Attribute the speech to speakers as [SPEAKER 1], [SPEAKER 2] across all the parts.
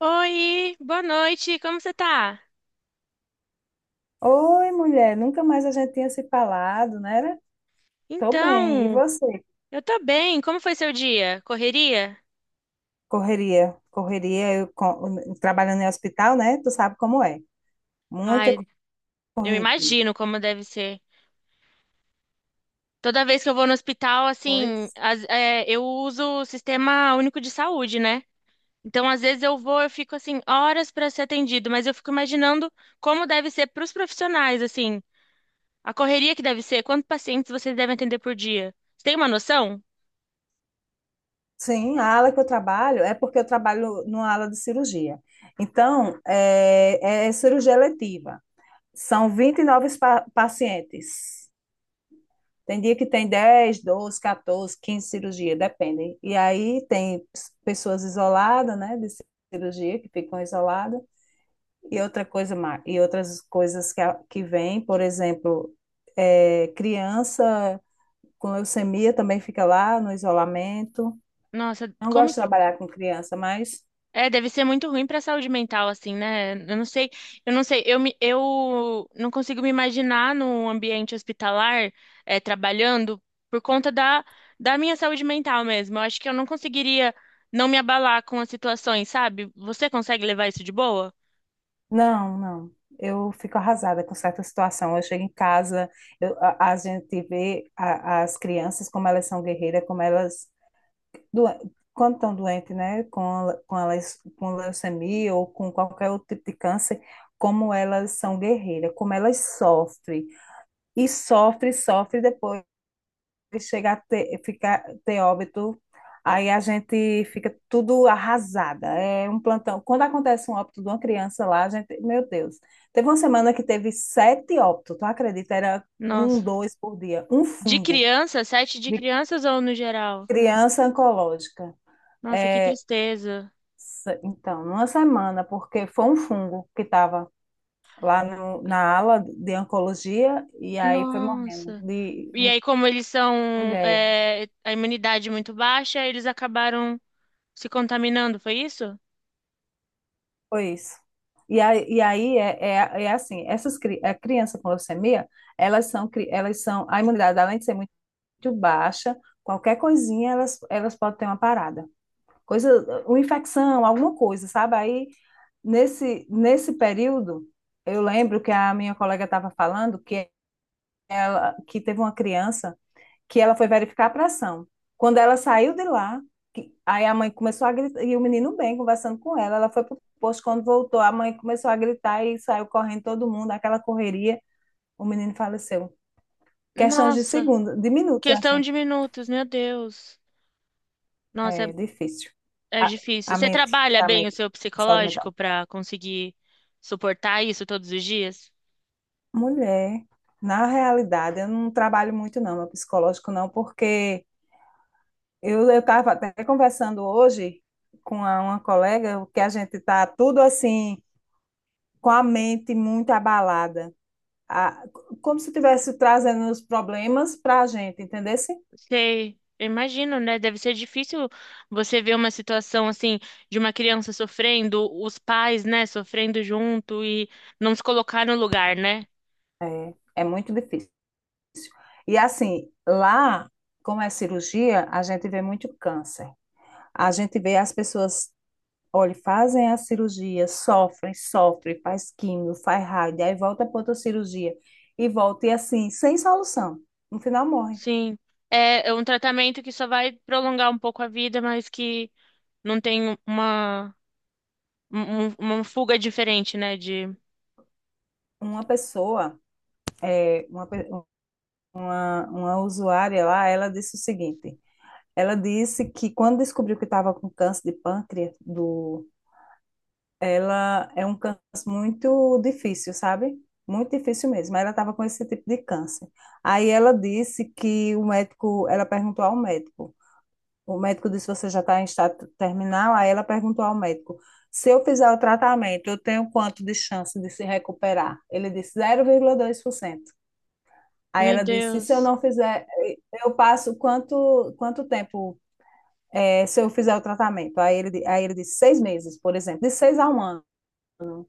[SPEAKER 1] Oi, boa noite, como você tá?
[SPEAKER 2] Oi, mulher, nunca mais a gente tinha se falado, né? Tô bem. E
[SPEAKER 1] Então,
[SPEAKER 2] você?
[SPEAKER 1] eu tô bem, como foi seu dia? Correria?
[SPEAKER 2] Correria, correria, trabalhando em hospital, né? Tu sabe como é. Muita
[SPEAKER 1] Ai, eu
[SPEAKER 2] correria.
[SPEAKER 1] imagino como deve ser. Toda vez que eu vou no hospital, assim,
[SPEAKER 2] Pois.
[SPEAKER 1] eu uso o Sistema Único de Saúde, né? Então, às vezes eu vou, eu fico, assim, horas pra ser atendido, mas eu fico imaginando como deve ser pros profissionais, assim, a correria que deve ser, quantos pacientes vocês devem atender por dia? Você tem uma noção?
[SPEAKER 2] Sim, a ala que eu trabalho é porque eu trabalho numa ala de cirurgia. Então, é cirurgia letiva. São 29 pa pacientes. Tem dia que tem 10, 12, 14, 15 cirurgias, depende. E aí tem pessoas isoladas, né, de cirurgia, que ficam isoladas, e outra coisa mais, e outras coisas que, que vêm, por exemplo, criança com leucemia também fica lá no isolamento.
[SPEAKER 1] Nossa,
[SPEAKER 2] Não
[SPEAKER 1] como
[SPEAKER 2] gosto de trabalhar com criança, mas
[SPEAKER 1] é, deve ser muito ruim pra saúde mental, assim, né? Eu não sei, eu não sei, eu, me, eu não consigo me imaginar num ambiente hospitalar, trabalhando por conta da minha saúde mental mesmo. Eu acho que eu não conseguiria não me abalar com as situações, sabe? Você consegue levar isso de boa?
[SPEAKER 2] não, não. Eu fico arrasada com certa situação. Eu chego em casa, a gente vê as crianças como elas são guerreiras, como elas doen- quando estão doentes, né, com, com, com leucemia ou com qualquer outro tipo de câncer, como elas são guerreiras, como elas sofrem. E sofre, sofre, depois chega a ter, ficar, ter óbito, aí a gente fica tudo arrasada. É um plantão. Quando acontece um óbito de uma criança lá, a gente, meu Deus, teve uma semana que teve sete óbitos, tu acredita? Era um,
[SPEAKER 1] Nossa.
[SPEAKER 2] dois por dia, um
[SPEAKER 1] De
[SPEAKER 2] fungo
[SPEAKER 1] criança, sete de
[SPEAKER 2] de
[SPEAKER 1] crianças ou no geral?
[SPEAKER 2] criança oncológica.
[SPEAKER 1] Nossa, que
[SPEAKER 2] É.
[SPEAKER 1] tristeza.
[SPEAKER 2] Então, numa semana, porque foi um fungo que estava lá no- na ala de oncologia e aí foi morrendo
[SPEAKER 1] Nossa.
[SPEAKER 2] de
[SPEAKER 1] E aí, como eles são,
[SPEAKER 2] mulher.
[SPEAKER 1] a imunidade muito baixa, eles acabaram se contaminando, foi isso?
[SPEAKER 2] Foi isso. E aí é assim, a criança com leucemia, elas são, a imunidade, além de ser muito baixa, qualquer coisinha elas, elas podem ter uma parada. Coisa, uma infecção, alguma coisa, sabe? Aí, nesse período, eu lembro que a minha colega estava falando ela, que teve uma criança que ela foi verificar a pressão. Quando ela saiu de lá, aí a mãe começou a gritar, e o menino bem conversando com ela, ela foi pro posto, quando voltou, a mãe começou a gritar e saiu correndo todo mundo, aquela correria, o menino faleceu. Questões de
[SPEAKER 1] Nossa,
[SPEAKER 2] segundos, de minutos,
[SPEAKER 1] questão
[SPEAKER 2] assim.
[SPEAKER 1] de minutos, meu Deus. Nossa,
[SPEAKER 2] É difícil.
[SPEAKER 1] é
[SPEAKER 2] A,
[SPEAKER 1] difícil.
[SPEAKER 2] a
[SPEAKER 1] Você
[SPEAKER 2] mente,
[SPEAKER 1] trabalha
[SPEAKER 2] a
[SPEAKER 1] bem o
[SPEAKER 2] mente,
[SPEAKER 1] seu
[SPEAKER 2] a saúde
[SPEAKER 1] psicológico
[SPEAKER 2] mental.
[SPEAKER 1] para conseguir suportar isso todos os dias?
[SPEAKER 2] Mulher, na realidade, eu não trabalho muito não, meu psicológico não, porque eu estava até conversando hoje com uma colega que a gente está tudo assim com a mente muito abalada, A- como se estivesse trazendo os problemas para a gente, entendesse?
[SPEAKER 1] Sei, eu imagino, né? Deve ser difícil você ver uma situação assim de uma criança sofrendo, os pais, né, sofrendo junto e não se colocar no lugar, né?
[SPEAKER 2] É, é muito difícil. E assim, lá, como é cirurgia, a gente vê muito câncer. A gente vê as pessoas, olha, fazem a cirurgia, sofrem, sofrem, faz químio, faz raio, aí volta para outra cirurgia e volta e assim, sem solução. No final morre.
[SPEAKER 1] Sim. É é um tratamento que só vai prolongar um pouco a vida, mas que não tem uma uma fuga diferente, né? De,
[SPEAKER 2] Uma pessoa, é, uma, pe- uma usuária lá, ela disse o seguinte: ela disse que quando descobriu que estava com câncer de pâncreas, do, ela é um câncer muito difícil, sabe? Muito difícil mesmo. Ela estava com esse tipo de câncer. Aí ela disse que o médico, ela perguntou ao médico. O médico disse: Você já está em estado terminal? Aí ela perguntou ao médico: Se eu fizer o tratamento, eu tenho quanto de chance de se recuperar? Ele disse: 0,2%. Aí
[SPEAKER 1] meu
[SPEAKER 2] ela disse, se eu
[SPEAKER 1] Deus,
[SPEAKER 2] não fizer, eu passo quanto, quanto tempo se eu fizer o tratamento? Aí ele disse, 6 meses, por exemplo, de 6 a 1 ano,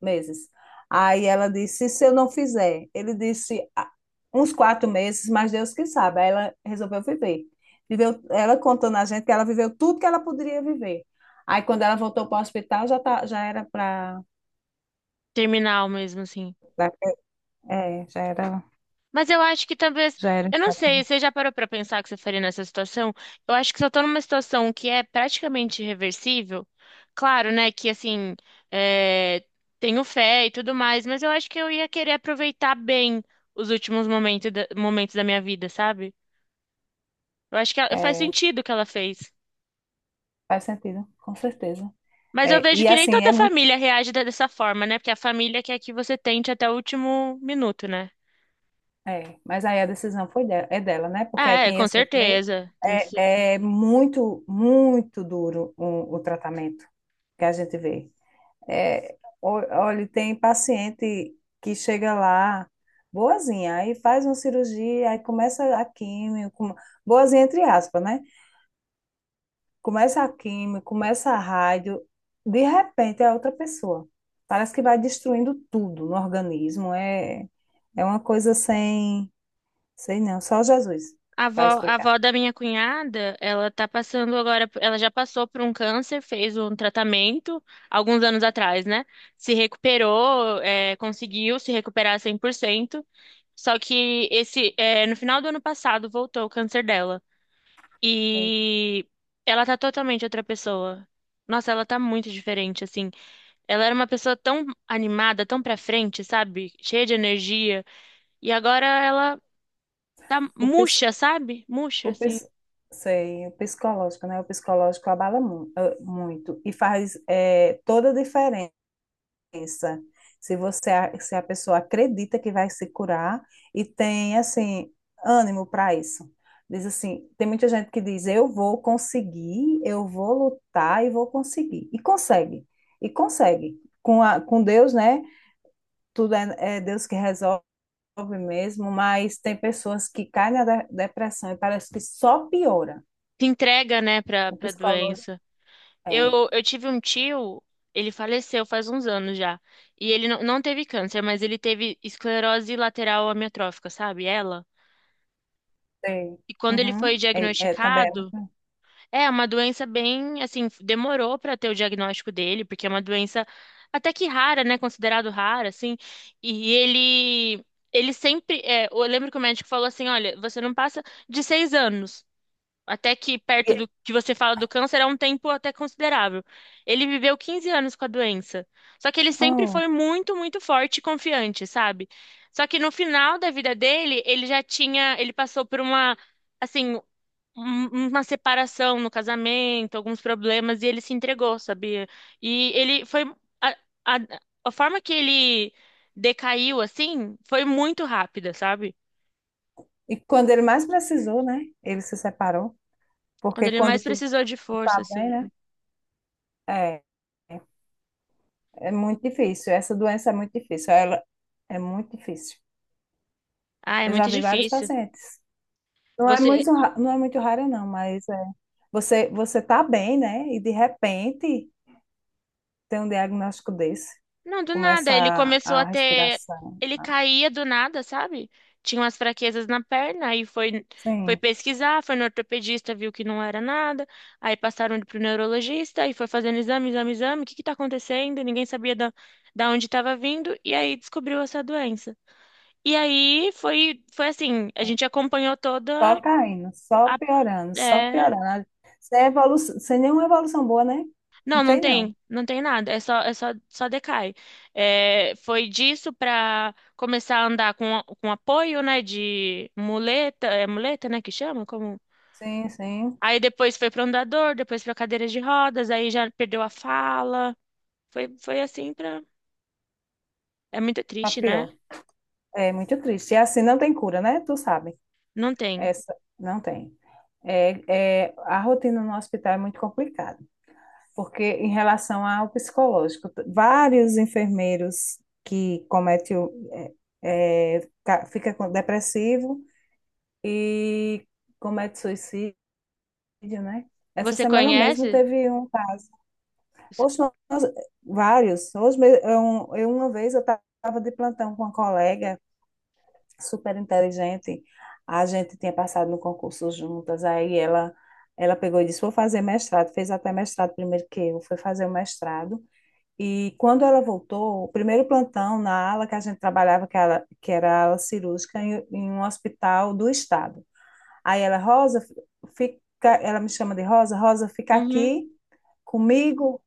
[SPEAKER 2] meses. Aí ela disse, se eu não fizer? Ele disse, "Ah, uns 4 meses, mas Deus que sabe." Aí ela resolveu viver. Viveu, ela contando a gente que ela viveu tudo que ela poderia viver. Aí quando ela voltou para o hospital, já, tá, já era para...
[SPEAKER 1] terminal mesmo, assim.
[SPEAKER 2] É,
[SPEAKER 1] Mas eu acho que talvez,
[SPEAKER 2] já era...
[SPEAKER 1] eu não sei,
[SPEAKER 2] estável.
[SPEAKER 1] você já parou pra pensar o que você faria nessa situação? Eu acho que se eu tô numa situação que é praticamente irreversível, claro, né, que assim, é, tenho fé e tudo mais, mas eu acho que eu ia querer aproveitar bem os últimos momentos momentos da minha vida, sabe? Eu acho que faz
[SPEAKER 2] É,
[SPEAKER 1] sentido o que ela fez.
[SPEAKER 2] faz sentido, com certeza.
[SPEAKER 1] Mas eu
[SPEAKER 2] É,
[SPEAKER 1] vejo
[SPEAKER 2] e
[SPEAKER 1] que nem
[SPEAKER 2] assim, é
[SPEAKER 1] toda
[SPEAKER 2] muito.
[SPEAKER 1] família reage dessa forma, né? Porque a família quer que você tente até o último minuto, né?
[SPEAKER 2] É, mas aí a decisão foi dela, é dela, né? Porque aí
[SPEAKER 1] Ah, é,
[SPEAKER 2] quem ia
[SPEAKER 1] com
[SPEAKER 2] sofrer
[SPEAKER 1] certeza. Tem que ser.
[SPEAKER 2] é, é muito, muito duro o tratamento que a gente vê. É, o- olha, tem paciente que chega lá boazinha, aí faz uma cirurgia, aí começa a químio, boazinha entre aspas, né? Começa a químio, começa a rádio, de repente é outra pessoa. Parece que vai destruindo tudo no organismo, é, é uma coisa sem. Sei não, só Jesus
[SPEAKER 1] A avó,
[SPEAKER 2] vai
[SPEAKER 1] a
[SPEAKER 2] explicar.
[SPEAKER 1] avó da minha cunhada, ela tá passando agora, ela já passou por um câncer, fez um tratamento alguns anos atrás, né? Se recuperou, é, conseguiu se recuperar cem por cento. Só que esse, é, no final do ano passado voltou o câncer dela.
[SPEAKER 2] Sei.
[SPEAKER 1] E ela tá totalmente outra pessoa. Nossa, ela tá muito diferente, assim. Ela era uma pessoa tão animada, tão pra frente, sabe? Cheia de energia. E agora ela tá
[SPEAKER 2] O, pis-
[SPEAKER 1] murcha, sabe? Murcha,
[SPEAKER 2] o,
[SPEAKER 1] assim.
[SPEAKER 2] pis- sei, o psicológico, né? O psicológico abala muito e faz toda a diferença. Se a pessoa acredita que vai se curar e tem, assim, ânimo para isso. Diz assim, tem muita gente que diz, eu vou conseguir, eu vou lutar e vou conseguir. E consegue, e consegue. Com, a, com Deus, né? Tudo é Deus que resolve mesmo, mas tem pessoas que caem na depressão e parece que só piora.
[SPEAKER 1] Se entrega, né,
[SPEAKER 2] O
[SPEAKER 1] pra
[SPEAKER 2] psicológico
[SPEAKER 1] doença.
[SPEAKER 2] é,
[SPEAKER 1] Eu tive um tio, ele faleceu faz uns anos já. E ele não teve câncer, mas ele teve esclerose lateral amiotrófica, sabe? Ela.
[SPEAKER 2] tem.
[SPEAKER 1] E quando ele foi
[SPEAKER 2] Uhum. É, é, também.
[SPEAKER 1] diagnosticado, é uma doença bem, assim, demorou para ter o diagnóstico dele, porque é uma doença até que rara, né? Considerado rara, assim. E ele, ele sempre, é, eu lembro que o médico falou assim, olha, você não passa de seis anos, até que perto
[SPEAKER 2] E,
[SPEAKER 1] do que você fala do câncer é um tempo até considerável. Ele viveu 15 anos com a doença. Só que ele sempre
[SPEAKER 2] oh,
[SPEAKER 1] foi muito, muito forte e confiante, sabe? Só que no final da vida dele, ele passou por uma assim uma separação no casamento, alguns problemas, e ele se entregou, sabia? E ele foi. A, a, a forma que ele decaiu, assim, foi muito rápida, sabe?
[SPEAKER 2] e quando ele mais precisou, né? Ele se separou,
[SPEAKER 1] Quando
[SPEAKER 2] porque
[SPEAKER 1] ele
[SPEAKER 2] quando
[SPEAKER 1] mais
[SPEAKER 2] tudo
[SPEAKER 1] precisou de força,
[SPEAKER 2] tá bem,
[SPEAKER 1] assim.
[SPEAKER 2] né? É, é é muito difícil. Essa doença é muito difícil. Ela é muito difícil.
[SPEAKER 1] Ah, é
[SPEAKER 2] Eu já
[SPEAKER 1] muito
[SPEAKER 2] vi vários
[SPEAKER 1] difícil.
[SPEAKER 2] pacientes. Não é
[SPEAKER 1] Você,
[SPEAKER 2] não é muito rara, não, mas é, você tá bem, né? E de repente ter um diagnóstico desse,
[SPEAKER 1] não, do nada.
[SPEAKER 2] começa
[SPEAKER 1] Ele começou a
[SPEAKER 2] a
[SPEAKER 1] ter.
[SPEAKER 2] respiração.
[SPEAKER 1] Ele caía do nada, sabe? Tinha umas fraquezas na perna, aí foi, foi
[SPEAKER 2] Sim,
[SPEAKER 1] pesquisar, foi no ortopedista, viu que não era nada. Aí passaram ele pro neurologista e foi fazendo exame, exame, exame. O que que tá acontecendo? Ninguém sabia da onde estava vindo. E aí descobriu essa doença. E aí foi, foi assim: a
[SPEAKER 2] é.
[SPEAKER 1] gente acompanhou toda.
[SPEAKER 2] Só caindo, só piorando, só
[SPEAKER 1] É,
[SPEAKER 2] piorando. Sem nenhuma evolução boa, né? Não
[SPEAKER 1] não,
[SPEAKER 2] tem, não.
[SPEAKER 1] não tem nada, só decai. É, foi disso para começar a andar com apoio, né, de muleta, é muleta, né, que chama? Como...
[SPEAKER 2] Sim, sim,
[SPEAKER 1] Aí depois foi para andador, depois para cadeira de rodas, aí já perdeu a fala. Foi, foi assim pra... É muito
[SPEAKER 2] tá
[SPEAKER 1] triste, né?
[SPEAKER 2] pior. É muito triste. E assim não tem cura, né? Tu sabe.
[SPEAKER 1] Não tem.
[SPEAKER 2] Essa não tem. É, é, a rotina no hospital é muito complicada, porque em relação ao psicológico, vários enfermeiros que cometem, fica depressivo, e comete suicídio, né? Essa
[SPEAKER 1] Você
[SPEAKER 2] semana mesmo
[SPEAKER 1] conhece?
[SPEAKER 2] teve um caso.
[SPEAKER 1] Você-
[SPEAKER 2] Hoje nós- vários. Hoje eu- Uma vez eu estava de plantão com uma colega super inteligente. A gente tinha passado no concurso juntas. Aí ela pegou e disse: Vou fazer mestrado. Fez até mestrado primeiro que eu. Foi fazer o mestrado. E quando ela voltou, o primeiro plantão na ala que a gente trabalhava, que era a ala cirúrgica, em, em um hospital do estado. Aí ela, Rosa, fica, ela me chama de Rosa, Rosa, fica
[SPEAKER 1] uhum,
[SPEAKER 2] aqui comigo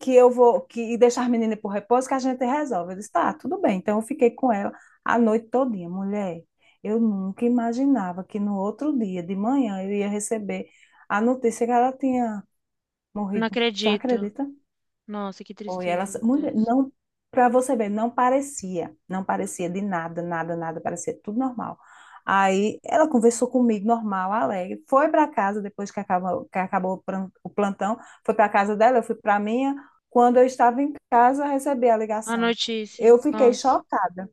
[SPEAKER 2] que eu vou que e deixar as meninas por repouso que a gente resolve. Eu disse, tá, tudo bem. Então eu fiquei com ela a noite todinha, mulher. Eu nunca imaginava que no outro dia de manhã eu ia receber a notícia que ela tinha
[SPEAKER 1] não
[SPEAKER 2] morrido. Tu
[SPEAKER 1] acredito.
[SPEAKER 2] acredita?
[SPEAKER 1] Nossa, que
[SPEAKER 2] Foi ela,
[SPEAKER 1] tristeza, meu
[SPEAKER 2] mulher,
[SPEAKER 1] Deus.
[SPEAKER 2] não, para você ver, não parecia, não parecia de nada, nada, nada, parecia tudo normal. Aí ela conversou comigo, normal, alegre, foi para casa depois que acabou o plantão, foi para casa dela, eu fui para minha. Quando eu estava em casa, recebi a
[SPEAKER 1] A
[SPEAKER 2] ligação.
[SPEAKER 1] notícia,
[SPEAKER 2] Eu fiquei
[SPEAKER 1] nossa,
[SPEAKER 2] chocada.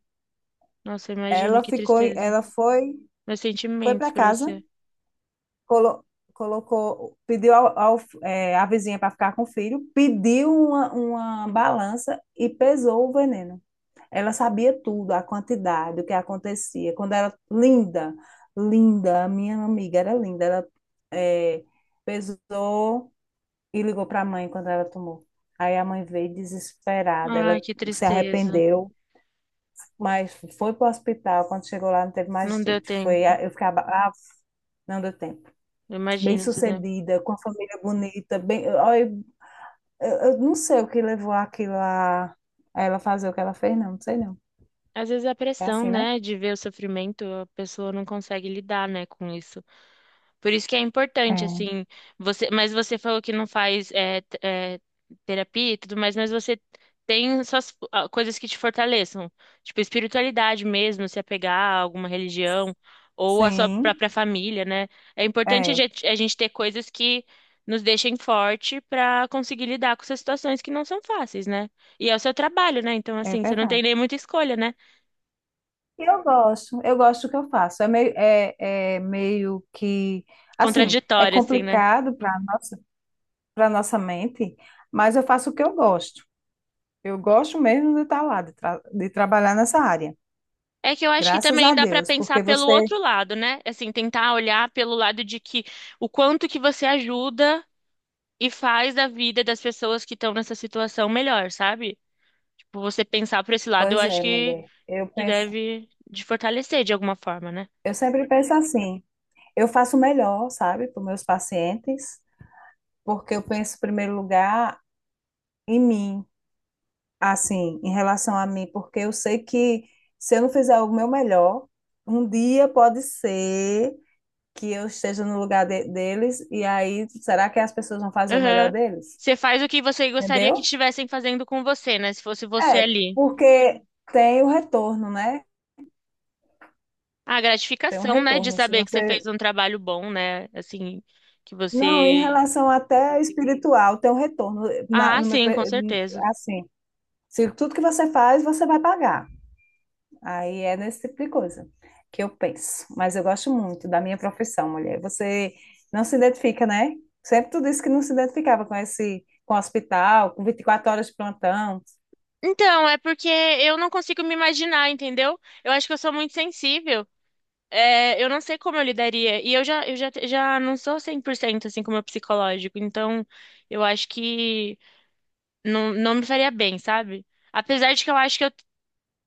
[SPEAKER 1] nossa, imagina
[SPEAKER 2] Ela
[SPEAKER 1] que
[SPEAKER 2] ficou,
[SPEAKER 1] tristeza.
[SPEAKER 2] ela foi,
[SPEAKER 1] Meus
[SPEAKER 2] foi
[SPEAKER 1] sentimentos
[SPEAKER 2] para
[SPEAKER 1] pra
[SPEAKER 2] casa,
[SPEAKER 1] você.
[SPEAKER 2] colo- colocou, pediu a vizinha para ficar com o filho, pediu uma balança e pesou o veneno. Ela sabia tudo, a quantidade, o que acontecia. Quando era linda, linda, a minha amiga era linda. Ela eh, pesou e ligou para a mãe quando ela tomou. Aí a mãe veio desesperada, ela
[SPEAKER 1] Ai, que
[SPEAKER 2] se
[SPEAKER 1] tristeza.
[SPEAKER 2] arrependeu, mas foi para o hospital. Quando chegou lá, não teve mais
[SPEAKER 1] Não deu
[SPEAKER 2] jeito. Foi,
[SPEAKER 1] tempo.
[SPEAKER 2] eu ficava, ah, não deu tempo.
[SPEAKER 1] Imagino se der.
[SPEAKER 2] Bem-sucedida, com a família bonita, bem, olha, eu, eu não sei o que levou aquilo a ela fazer o que ela fez, não, não sei não.
[SPEAKER 1] Às vezes é a
[SPEAKER 2] É
[SPEAKER 1] pressão,
[SPEAKER 2] assim, né?
[SPEAKER 1] né, de ver o sofrimento, a pessoa não consegue lidar, né, com isso. Por isso que é importante,
[SPEAKER 2] É.
[SPEAKER 1] assim, você, mas você falou que não faz terapia e tudo mais, mas você tem suas ah, coisas que te fortaleçam, tipo espiritualidade mesmo, se apegar a alguma religião ou a sua
[SPEAKER 2] Sim.
[SPEAKER 1] própria família, né? É importante
[SPEAKER 2] É,
[SPEAKER 1] a gente ter coisas que nos deixem forte para conseguir lidar com essas situações que não são fáceis, né? E é o seu trabalho, né? Então,
[SPEAKER 2] é
[SPEAKER 1] assim, você não tem
[SPEAKER 2] verdade.
[SPEAKER 1] nem muita escolha, né?
[SPEAKER 2] E eu gosto do que eu faço. É meio que, assim, é
[SPEAKER 1] Contraditório, assim, né?
[SPEAKER 2] complicado para nossa mente, mas eu faço o que eu gosto. Eu gosto mesmo de estar lá, de, de trabalhar nessa área.
[SPEAKER 1] É que eu acho que
[SPEAKER 2] Graças
[SPEAKER 1] também
[SPEAKER 2] a
[SPEAKER 1] dá para
[SPEAKER 2] Deus,
[SPEAKER 1] pensar
[SPEAKER 2] porque
[SPEAKER 1] pelo
[SPEAKER 2] você.
[SPEAKER 1] outro lado, né? Assim, tentar olhar pelo lado de que o quanto que você ajuda e faz a vida das pessoas que estão nessa situação melhor, sabe? Tipo, você pensar por esse lado, eu
[SPEAKER 2] Pois
[SPEAKER 1] acho
[SPEAKER 2] é, mulher. Eu
[SPEAKER 1] que
[SPEAKER 2] penso,
[SPEAKER 1] deve te fortalecer de alguma forma, né?
[SPEAKER 2] eu sempre penso assim. Eu faço o melhor, sabe, para os meus pacientes, porque eu penso em primeiro lugar em mim. Assim, em relação a mim, porque eu sei que se eu não fizer o meu melhor, um dia pode ser que eu esteja no lugar deles, e aí será que as pessoas vão fazer o melhor
[SPEAKER 1] Aham.
[SPEAKER 2] deles?
[SPEAKER 1] Você faz o que você gostaria que
[SPEAKER 2] Entendeu?
[SPEAKER 1] estivessem fazendo com você, né? Se fosse você
[SPEAKER 2] É,
[SPEAKER 1] ali.
[SPEAKER 2] porque tem o retorno, né?
[SPEAKER 1] A
[SPEAKER 2] Tem um
[SPEAKER 1] gratificação, né? De
[SPEAKER 2] retorno. Se
[SPEAKER 1] saber que você fez
[SPEAKER 2] você.
[SPEAKER 1] um trabalho bom, né? Assim, que você.
[SPEAKER 2] Não, em relação até espiritual, tem um retorno. Na-
[SPEAKER 1] Ah,
[SPEAKER 2] no meu,
[SPEAKER 1] sim, com
[SPEAKER 2] pe-
[SPEAKER 1] certeza.
[SPEAKER 2] assim, se tudo que você faz, você vai pagar. Aí é nesse tipo de coisa que eu penso. Mas eu gosto muito da minha profissão, mulher. Você não se identifica, né? Sempre tu disse que não se identificava com esse, com o hospital, com 24 horas de plantão.
[SPEAKER 1] Então, é porque eu não consigo me imaginar, entendeu? Eu acho que eu sou muito sensível. É, eu não sei como eu lidaria. E já não sou 100% assim com o meu psicológico. Então, eu acho que não, não me faria bem, sabe? Apesar de que eu acho que eu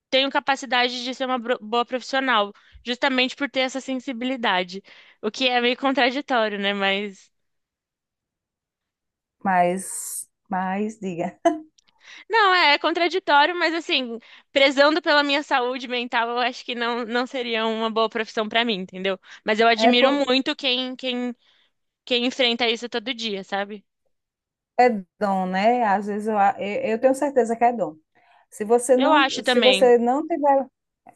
[SPEAKER 1] tenho capacidade de ser uma boa profissional, justamente por ter essa sensibilidade. O que é meio contraditório, né?
[SPEAKER 2] Mas diga.
[SPEAKER 1] Não, é contraditório, mas assim, prezando pela minha saúde mental, eu acho que não, não seria uma boa profissão pra mim, entendeu? Mas eu
[SPEAKER 2] É
[SPEAKER 1] admiro
[SPEAKER 2] por,
[SPEAKER 1] muito quem enfrenta isso todo dia, sabe?
[SPEAKER 2] É dom, né? Às vezes eu, eu tenho certeza que é dom. Se você
[SPEAKER 1] Eu
[SPEAKER 2] não,
[SPEAKER 1] acho
[SPEAKER 2] se
[SPEAKER 1] também.
[SPEAKER 2] você não tiver,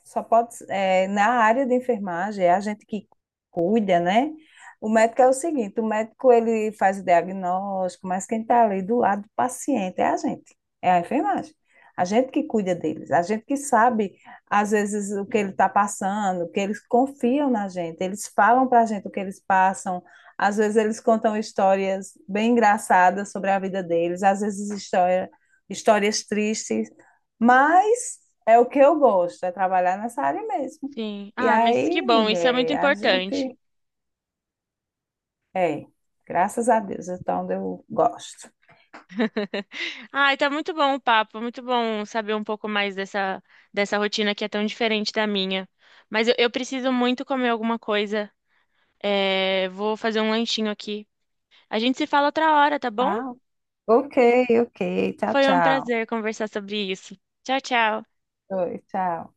[SPEAKER 2] só pode, é, na área de enfermagem, é a gente que cuida, né? O médico é o seguinte, o médico ele faz o diagnóstico, mas quem está ali do lado do paciente é a gente, é a enfermagem. A gente que cuida deles, a gente que sabe, às vezes, o que ele está passando, que eles confiam na gente, eles falam para a gente o que eles passam, às vezes eles contam histórias bem engraçadas sobre a vida deles, às vezes história, histórias tristes, mas é o que eu gosto, é trabalhar nessa área mesmo.
[SPEAKER 1] Sim.
[SPEAKER 2] E
[SPEAKER 1] Ah, mas que
[SPEAKER 2] aí,
[SPEAKER 1] bom, isso é muito
[SPEAKER 2] mulher, a
[SPEAKER 1] importante.
[SPEAKER 2] gente é, graças a Deus, então eu gosto.
[SPEAKER 1] Ai, tá muito bom o papo, muito bom saber um pouco mais dessa, dessa rotina que é tão diferente da minha. Mas eu preciso muito comer alguma coisa. É, vou fazer um lanchinho aqui. A gente se fala outra hora, tá bom?
[SPEAKER 2] Tá? Ok, ok. Tchau,
[SPEAKER 1] Foi um
[SPEAKER 2] tchau.
[SPEAKER 1] prazer conversar sobre isso. Tchau, tchau.
[SPEAKER 2] Oi, tchau.